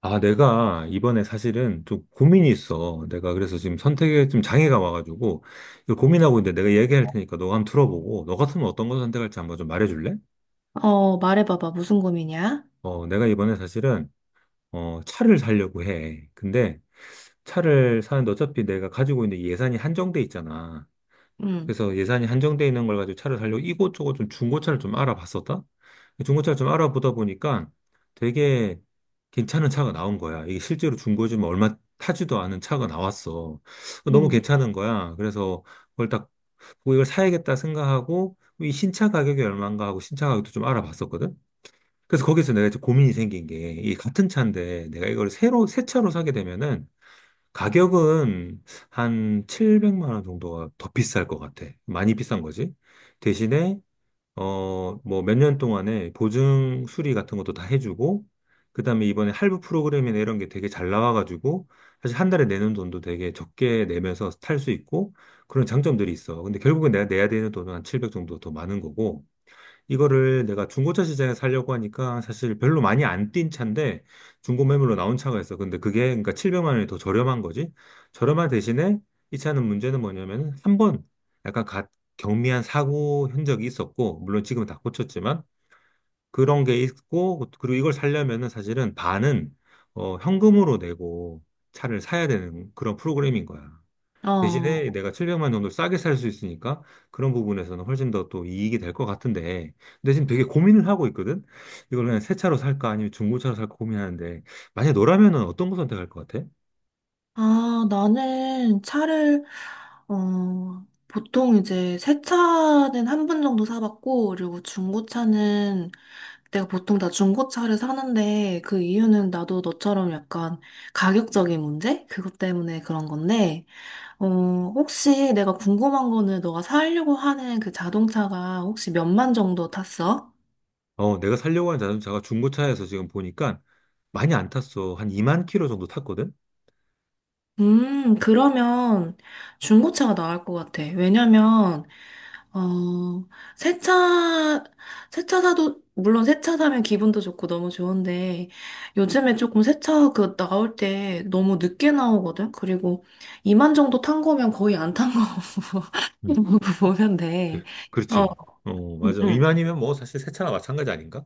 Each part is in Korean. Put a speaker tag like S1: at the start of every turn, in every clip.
S1: 아, 내가 이번에 사실은 좀 고민이 있어. 내가 그래서 지금 선택에 좀 장애가 와가지고, 이거 고민하고 있는데 내가 얘기할 테니까 너가 한번 들어보고, 너 같으면 어떤 걸 선택할지 한번 좀 말해줄래?
S2: 말해봐봐. 무슨 고민이야?
S1: 내가 이번에 사실은, 차를 사려고 해. 근데 차를 사는데 어차피 내가 가지고 있는 예산이 한정돼 있잖아.
S2: 응,
S1: 그래서 예산이 한정돼 있는 걸 가지고 차를 살려고 이곳저곳 좀 중고차를 좀 알아봤었다. 중고차를 좀 알아보다 보니까 되게 괜찮은 차가 나온 거야. 이게 실제로 중고지만 얼마 타지도 않은 차가 나왔어. 너무
S2: 응.
S1: 괜찮은 거야. 그래서 그걸 딱 보고 이걸 사야겠다 생각하고 이 신차 가격이 얼마인가 하고 신차 가격도 좀 알아봤었거든. 그래서 거기서 내가 이제 고민이 생긴 게 이 같은 차인데 내가 이걸 새로 새 차로 사게 되면은 가격은 한 700만 원 정도가 더 비쌀 것 같아. 많이 비싼 거지. 대신에, 뭐 몇 년 동안에 보증 수리 같은 것도 다 해주고, 그 다음에 이번에 할부 프로그램이나 이런 게 되게 잘 나와가지고, 사실 한 달에 내는 돈도 되게 적게 내면서 탈 수 있고, 그런 장점들이 있어. 근데 결국엔 내가 내야 되는 돈은 한 700 정도 더 많은 거고, 이거를 내가 중고차 시장에 살려고 하니까 사실 별로 많이 안 뛴 차인데 중고 매물로 나온 차가 있어. 근데 그게 그러니까 700만 원이 더 저렴한 거지. 저렴한 대신에 이 차는 문제는 뭐냐면 한 번 약간 가- 경미한 사고 흔적이 있었고 물론 지금은 다 고쳤지만 그런 게 있고 그리고 이걸 살려면은 사실은 반은 현금으로 내고 차를 사야 되는 그런 프로그램인 거야. 대신에
S2: 어,
S1: 내가 700만 정도 싸게 살 수 있으니까 그런 부분에서는 훨씬 더 또 이익이 될 것 같은데. 근데 지금 되게 고민을 하고 있거든? 이걸 그냥 새 차로 살까 아니면 중고차로 살까 고민하는데 만약 너라면은 어떤 거 선택할 것 같아?
S2: 나는 차를, 보통 이제 새 차는 한 번 정도 사봤고, 그리고 중고차는 내가 보통 다 중고차를 사는데, 그 이유는 나도 너처럼 약간 가격적인 문제? 그것 때문에 그런 건데, 어, 혹시 내가 궁금한 거는 너가 사려고 하는 그 자동차가 혹시 몇 만 정도 탔어?
S1: 내가 살려고 하는 자동차가 중고차에서 지금 보니까 많이 안 탔어. 한 2만 킬로 정도 탔거든?
S2: 그러면 중고차가 나을 것 같아. 왜냐면, 어, 새 차, 새차 사도, 물론 새차 사면 기분도 좋고 너무 좋은데, 요즘에 조금 새차 그 나올 때 너무 늦게 나오거든? 그리고 이만 정도 탄 거면 거의 안 탄 거
S1: 음,
S2: 보면 돼.
S1: 그-
S2: 어,
S1: 그렇지. 어,
S2: 응,
S1: 맞아.
S2: 응.
S1: 2만이면 뭐 사실 새 차나 마찬가지 아닌가?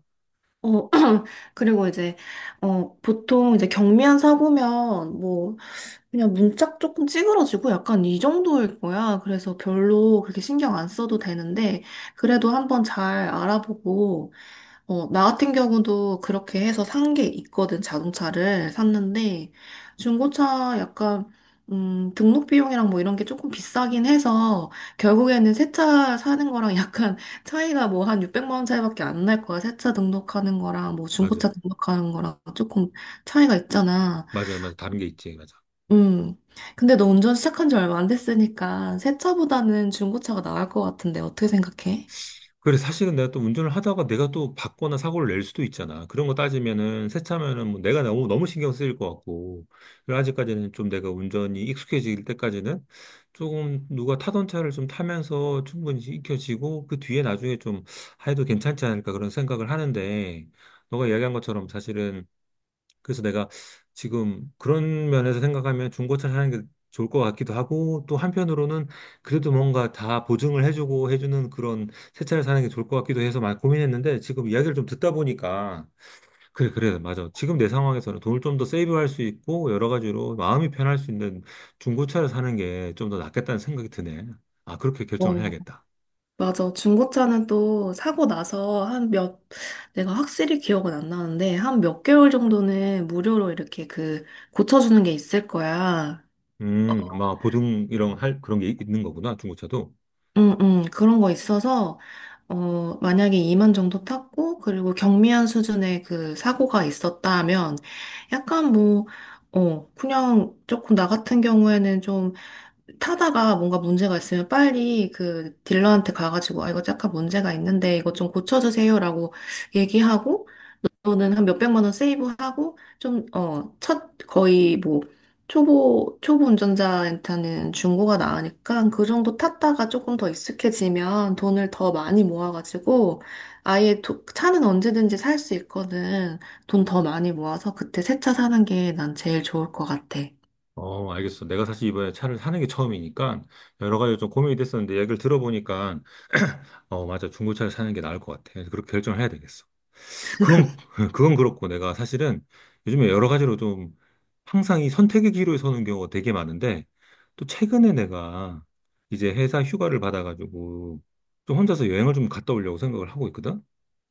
S2: 어, 그리고 이제, 보통 이제 경미한 사고면 뭐, 그냥 문짝 조금 찌그러지고 약간 이 정도일 거야. 그래서 별로 그렇게 신경 안 써도 되는데, 그래도 한번 잘 알아보고, 나 같은 경우도 그렇게 해서 산 게 있거든, 자동차를 샀는데, 중고차 약간, 등록 비용이랑 뭐 이런 게 조금 비싸긴 해서, 결국에는 새차 사는 거랑 약간 차이가 뭐 한 600만 원 차이밖에 안 날 거야. 새차 등록하는 거랑 뭐
S1: 맞아.
S2: 중고차 등록하는 거랑 조금 차이가 있잖아.
S1: 맞아, 맞아. 다른 게 있지. 맞아.
S2: 음. 근데 너 운전 시작한 지 얼마 안 됐으니까, 새 차보다는 중고차가 나을 것 같은데, 어떻게 생각해?
S1: 그래, 사실은 내가 또 운전을 하다가 내가 또 받거나 사고를 낼 수도 있잖아. 그런 거 따지면은, 세차면은 뭐 내가 너무, 너무 신경 쓰일 것 같고. 그래서 아직까지는 좀 내가 운전이 익숙해질 때까지는 조금 누가 타던 차를 좀 타면서 충분히 익혀지고, 그 뒤에 나중에 좀 해도 괜찮지 않을까 그런 생각을 하는데, 너가 이야기한 것처럼 사실은 그래서 내가 지금 그런 면에서 생각하면 중고차 사는 게 좋을 것 같기도 하고 또 한편으로는 그래도 뭔가 다 보증을 해주고 해주는 그런 새 차를 사는 게 좋을 것 같기도 해서 많이 고민했는데 지금 이야기를 좀 듣다 보니까 그래 그래 맞아 지금 내 상황에서는 돈을 좀 더 세이브할 수 있고 여러 가지로 마음이 편할 수 있는 중고차를 사는 게 좀 더 낫겠다는 생각이 드네. 아 그렇게 결정을 해야겠다.
S2: 맞아. 중고차는 또 사고 나서 한 몇, 내가 확실히 기억은 안 나는데, 한 몇 개월 정도는 무료로 이렇게 그, 고쳐주는 게 있을 거야.
S1: 아마 보증 이런 할 그런 게 있는 거구나 중고차도.
S2: 응, 응, 그런 거 있어서, 만약에 2만 정도 탔고, 그리고 경미한 수준의 그 사고가 있었다면, 약간 뭐, 그냥 조금 나 같은 경우에는 좀 타다가 뭔가 문제가 있으면 빨리 그 딜러한테 가가지고, 아, 이거 약간 문제가 있는데, 이거 좀 고쳐주세요라고 얘기하고, 저는 한 몇백만 원 세이브하고 좀, 거의 뭐, 초보, 초보 운전자한테는 중고가 나으니까 그 정도 탔다가 조금 더 익숙해지면 돈을 더 많이 모아가지고 차는 언제든지 살 수 있거든. 돈 더 많이 모아서 그때 새 차 사는 게 난 제일 좋을 것 같아.
S1: 어, 알겠어. 내가 사실 이번에 차를 사는 게 처음이니까 여러 가지 좀 고민이 됐었는데 얘기를 들어보니까 어, 맞아. 중고차를 사는 게 나을 것 같아. 그래서 그렇게 결정을 해야 되겠어. 그건, 그건 그렇고 내가 사실은 요즘에 여러 가지로 좀 항상 이 선택의 기로에 서는 경우가 되게 많은데 또 최근에 내가 이제 회사 휴가를 받아가지고 좀 혼자서 여행을 좀 갔다 오려고 생각을 하고 있거든.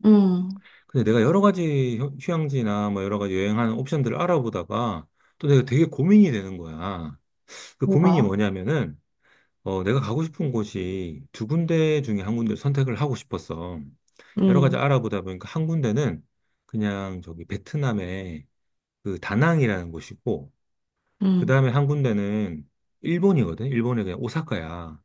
S2: 음,
S1: 근데 내가 여러 가지 휴양지나 뭐 여러 가지 여행하는 옵션들을 알아보다가 또 내가 되게 고민이 되는 거야. 그 고민이
S2: 뭐가?
S1: 뭐냐면은 내가 가고 싶은 곳이 두 군데 중에 한 군데를 선택을 하고 싶었어. 여러 가지
S2: 음,
S1: 알아보다 보니까 한 군데는 그냥 저기 베트남의 그 다낭이라는 곳이고, 그
S2: 음,
S1: 다음에 한 군데는 일본이거든. 일본의 그냥 오사카야.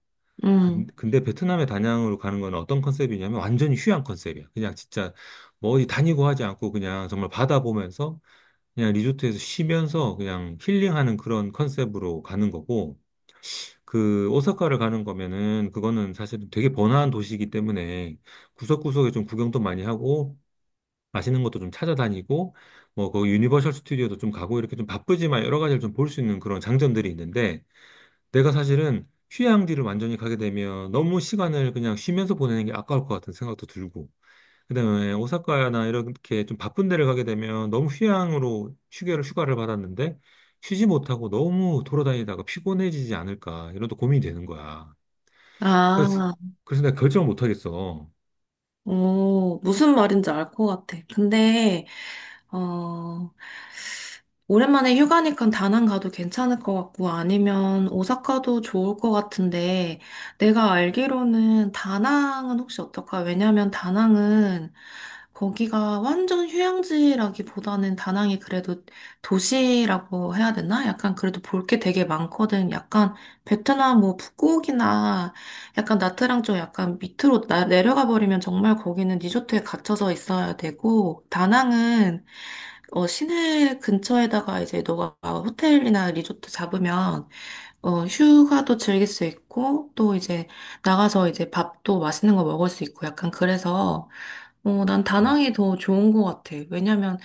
S1: 근-
S2: 음.
S1: 근데 베트남의 다낭으로 가는 건 어떤 컨셉이냐면 완전히 휴양 컨셉이야. 그냥 진짜 뭐 어디 다니고 하지 않고 그냥 정말 바다 보면서 그냥 리조트에서 쉬면서 그냥 힐링하는 그런 컨셉으로 가는 거고, 그 오사카를 가는 거면은 그거는 사실 되게 번화한 도시이기 때문에 구석구석에 좀 구경도 많이 하고 맛있는 것도 좀 찾아다니고 뭐 거기 유니버셜 스튜디오도 좀 가고 이렇게 좀 바쁘지만 여러 가지를 좀 볼 수 있는 그런 장점들이 있는데 내가 사실은 휴양지를 완전히 가게 되면 너무 시간을 그냥 쉬면서 보내는 게 아까울 것 같은 생각도 들고 그다음에 오사카나 이렇게 좀 바쁜 데를 가게 되면 너무 휴양으로 휴게를 휴가를 받았는데 쉬지 못하고 너무 돌아다니다가 피곤해지지 않을까 이런 또 고민이 되는 거야. 그래서,
S2: 아,
S1: 그래서 내가 결정을 못 하겠어.
S2: 오, 무슨 말인지 알 것 같아. 근데, 어, 오랜만에 휴가니까 다낭 가도 괜찮을 것 같고 아니면 오사카도 좋을 것 같은데 내가 알기로는 다낭은 혹시 어떨까? 왜냐면 다낭은 거기가 완전 휴양지라기보다는 다낭이 그래도 도시라고 해야 되나? 약간 그래도 볼 게 되게 많거든. 약간 베트남 뭐 푸꾸옥이나 약간 나트랑 좀 약간 밑으로 내려가 버리면 정말 거기는 리조트에 갇혀서 있어야 되고, 다낭은 시내 근처에다가 이제 너가 호텔이나 리조트 잡으면 휴가도 즐길 수 있고, 또 이제 나가서 이제 밥도 맛있는 거 먹을 수 있고, 약간 그래서, 난
S1: 음.
S2: 다낭이 더 좋은 것 같아. 왜냐면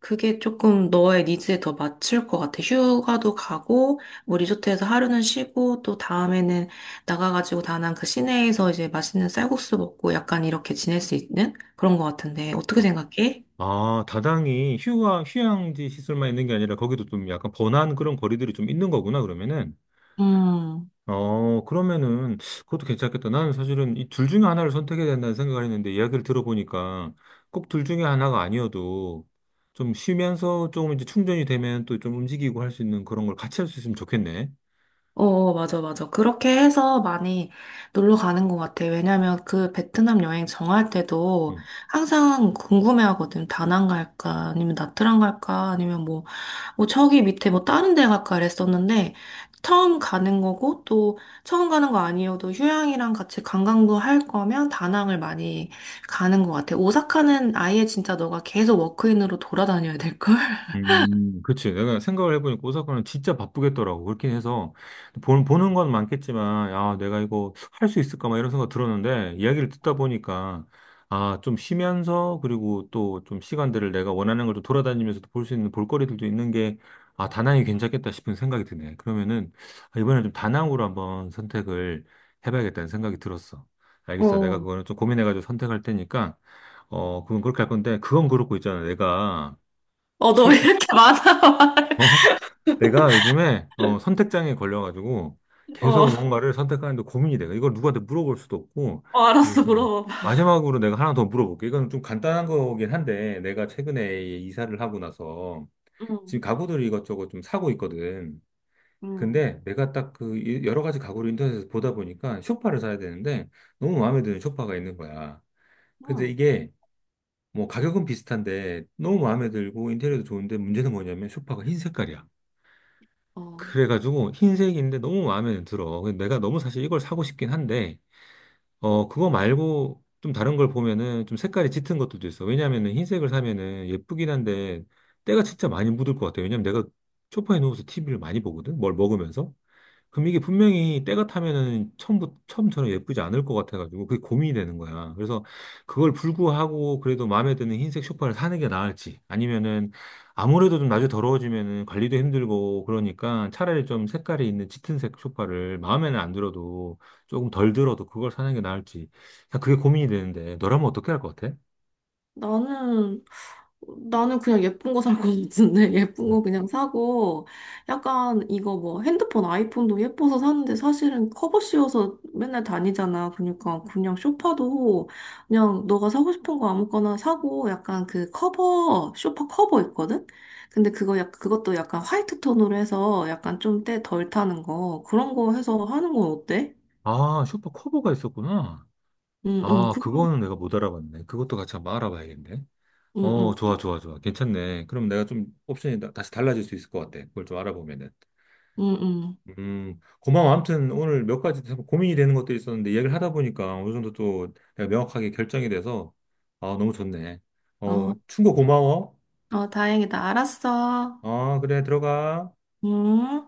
S2: 그게 조금 너의 니즈에 더 맞출 것 같아. 휴가도 가고, 뭐 리조트에서 하루는 쉬고, 또 다음에는 나가가지고 다낭 그 시내에서 이제 맛있는 쌀국수 먹고 약간 이렇게 지낼 수 있는 그런 것 같은데, 어떻게
S1: 아,
S2: 생각해?
S1: 아, 다당이 휴양, 휴양지 시설만 있는 게 아니라 거기도 좀 약간 번화한 그런 거리들이 좀 있는 거구나, 그러면은.
S2: 음.
S1: 어, 그러면은 그것도 괜찮겠다. 나는 사실은 이 둘 중에 하나를 선택해야 된다는 생각을 했는데 이야기를 들어보니까 꼭 둘 중에 하나가 아니어도 좀 쉬면서 조금 이제 충전이 되면 또 좀 움직이고 할 수 있는 그런 걸 같이 할 수 있으면 좋겠네.
S2: 어, 어, 맞아, 맞아. 그렇게 해서 많이 놀러 가는 것 같아. 왜냐면 그 베트남 여행 정할 때도
S1: 음.
S2: 항상 궁금해하거든. 다낭 갈까, 아니면 나트랑 갈까, 아니면 뭐 저기 밑에 뭐 다른 데 갈까 그랬었는데, 처음 가는 거고, 또 처음 가는 거 아니어도 휴양이랑 같이 관광도 할 거면 다낭을 많이 가는 것 같아. 오사카는 아예 진짜 너가 계속 워크인으로 돌아다녀야 될 걸?
S1: 그치. 내가 생각을 해보니까 오사카는 진짜 바쁘겠더라고. 그렇긴 해서, 보는 건 많겠지만, 아, 내가 이거 할 수 있을까? 막 이런 생각 들었는데, 이야기를 듣다 보니까, 아, 좀 쉬면서, 그리고 또 좀 시간들을 내가 원하는 걸 좀 돌아다니면서도 볼 수 있는 볼거리들도 있는 게, 아, 다낭이 괜찮겠다 싶은 생각이 드네. 그러면은, 아, 이번에 좀 다낭으로 한번 선택을 해봐야겠다는 생각이 들었어. 알겠어. 내가
S2: 어.
S1: 그거는 좀 고민해가지고 선택할 테니까, 어, 그건 그렇게 할 건데, 그건 그렇고 있잖아. 내가,
S2: 어, 너
S1: 책,
S2: 왜 이렇게 많아?
S1: 어? 내가 요즘에 선택장애 걸려가지고
S2: 어,
S1: 계속 뭔가를 선택하는데 고민이 돼. 이걸 누구한테 물어볼 수도 없고.
S2: 어,
S1: 그래서
S2: 알았어,
S1: 어,
S2: 물어봐.
S1: 마지막으로 내가 하나 더 물어볼게. 이건 좀 간단한 거긴 한데 내가 최근에 이사를 하고 나서
S2: 응,
S1: 지금 가구들을 이것저것 좀 사고 있거든.
S2: 응,
S1: 근데 내가 딱 그 여러 가지 가구를 인터넷에서 보다 보니까 소파를 사야 되는데 너무 마음에 드는 소파가 있는 거야. 근데
S2: 응.
S1: 이게 뭐 가격은 비슷한데 너무 마음에 들고 인테리어도 좋은데 문제는 뭐냐면 소파가 흰 색깔이야.
S2: 어,
S1: 그래가지고 흰색인데 너무 마음에 들어. 근데 내가 너무 사실 이걸 사고 싶긴 한데, 그거 말고 좀 다른 걸 보면은 좀 색깔이 짙은 것들도 있어. 왜냐면은 흰색을 사면은 예쁘긴 한데 때가 진짜 많이 묻을 것 같아. 왜냐면 내가 소파에 누워서 TV를 많이 보거든. 뭘 먹으면서. 그럼 이게 분명히 때가 타면은 처음부터, 처음처럼 예쁘지 않을 것 같아가지고 그게 고민이 되는 거야. 그래서 그걸 불구하고 그래도 마음에 드는 흰색 쇼파를 사는 게 나을지 아니면은 아무래도 좀 나중에 더러워지면은 관리도 힘들고 그러니까 차라리 좀 색깔이 있는 짙은색 쇼파를 마음에는 안 들어도 조금 덜 들어도 그걸 사는 게 나을지. 자, 그게 고민이 되는데 너라면 어떻게 할 것 같아?
S2: 나는, 나는 그냥 예쁜 거 살 거 같은데, 예쁜
S1: 음.
S2: 거 그냥 사고, 약간 이거 뭐 핸드폰, 아이폰도 예뻐서 샀는데 사실은 커버 씌워서 맨날 다니잖아. 그러니까 그냥 소파도 그냥 너가 사고 싶은 거 아무거나 사고, 약간 그 커버, 소파 커버 있거든? 근데 그거 약, 그것도 약간 화이트 톤으로 해서 약간 좀 때 덜 타는 거, 그런 거 해서 하는 건 어때?
S1: 아, 쇼파 커버가 있었구나.
S2: 응, 응,
S1: 아,
S2: 그거,
S1: 그거는 내가 못 알아봤네. 그것도 같이 한번 알아봐야겠네.
S2: 응, 응,
S1: 어, 좋아, 좋아, 좋아. 괜찮네. 그럼 내가 좀 옵션이 다시 달라질 수 있을 것 같아. 그걸 좀 알아보면은.
S2: 응, 응.
S1: 고마워. 아무튼 오늘 몇 가지 참 고민이 되는 것도 있었는데 얘기를 하다 보니까 어느 정도 또 내가 명확하게 결정이 돼서 아, 너무 좋네. 어,
S2: 아,
S1: 충고 고마워.
S2: 어, 다행이다. 알았어.
S1: 아, 그래, 들어가.
S2: 응?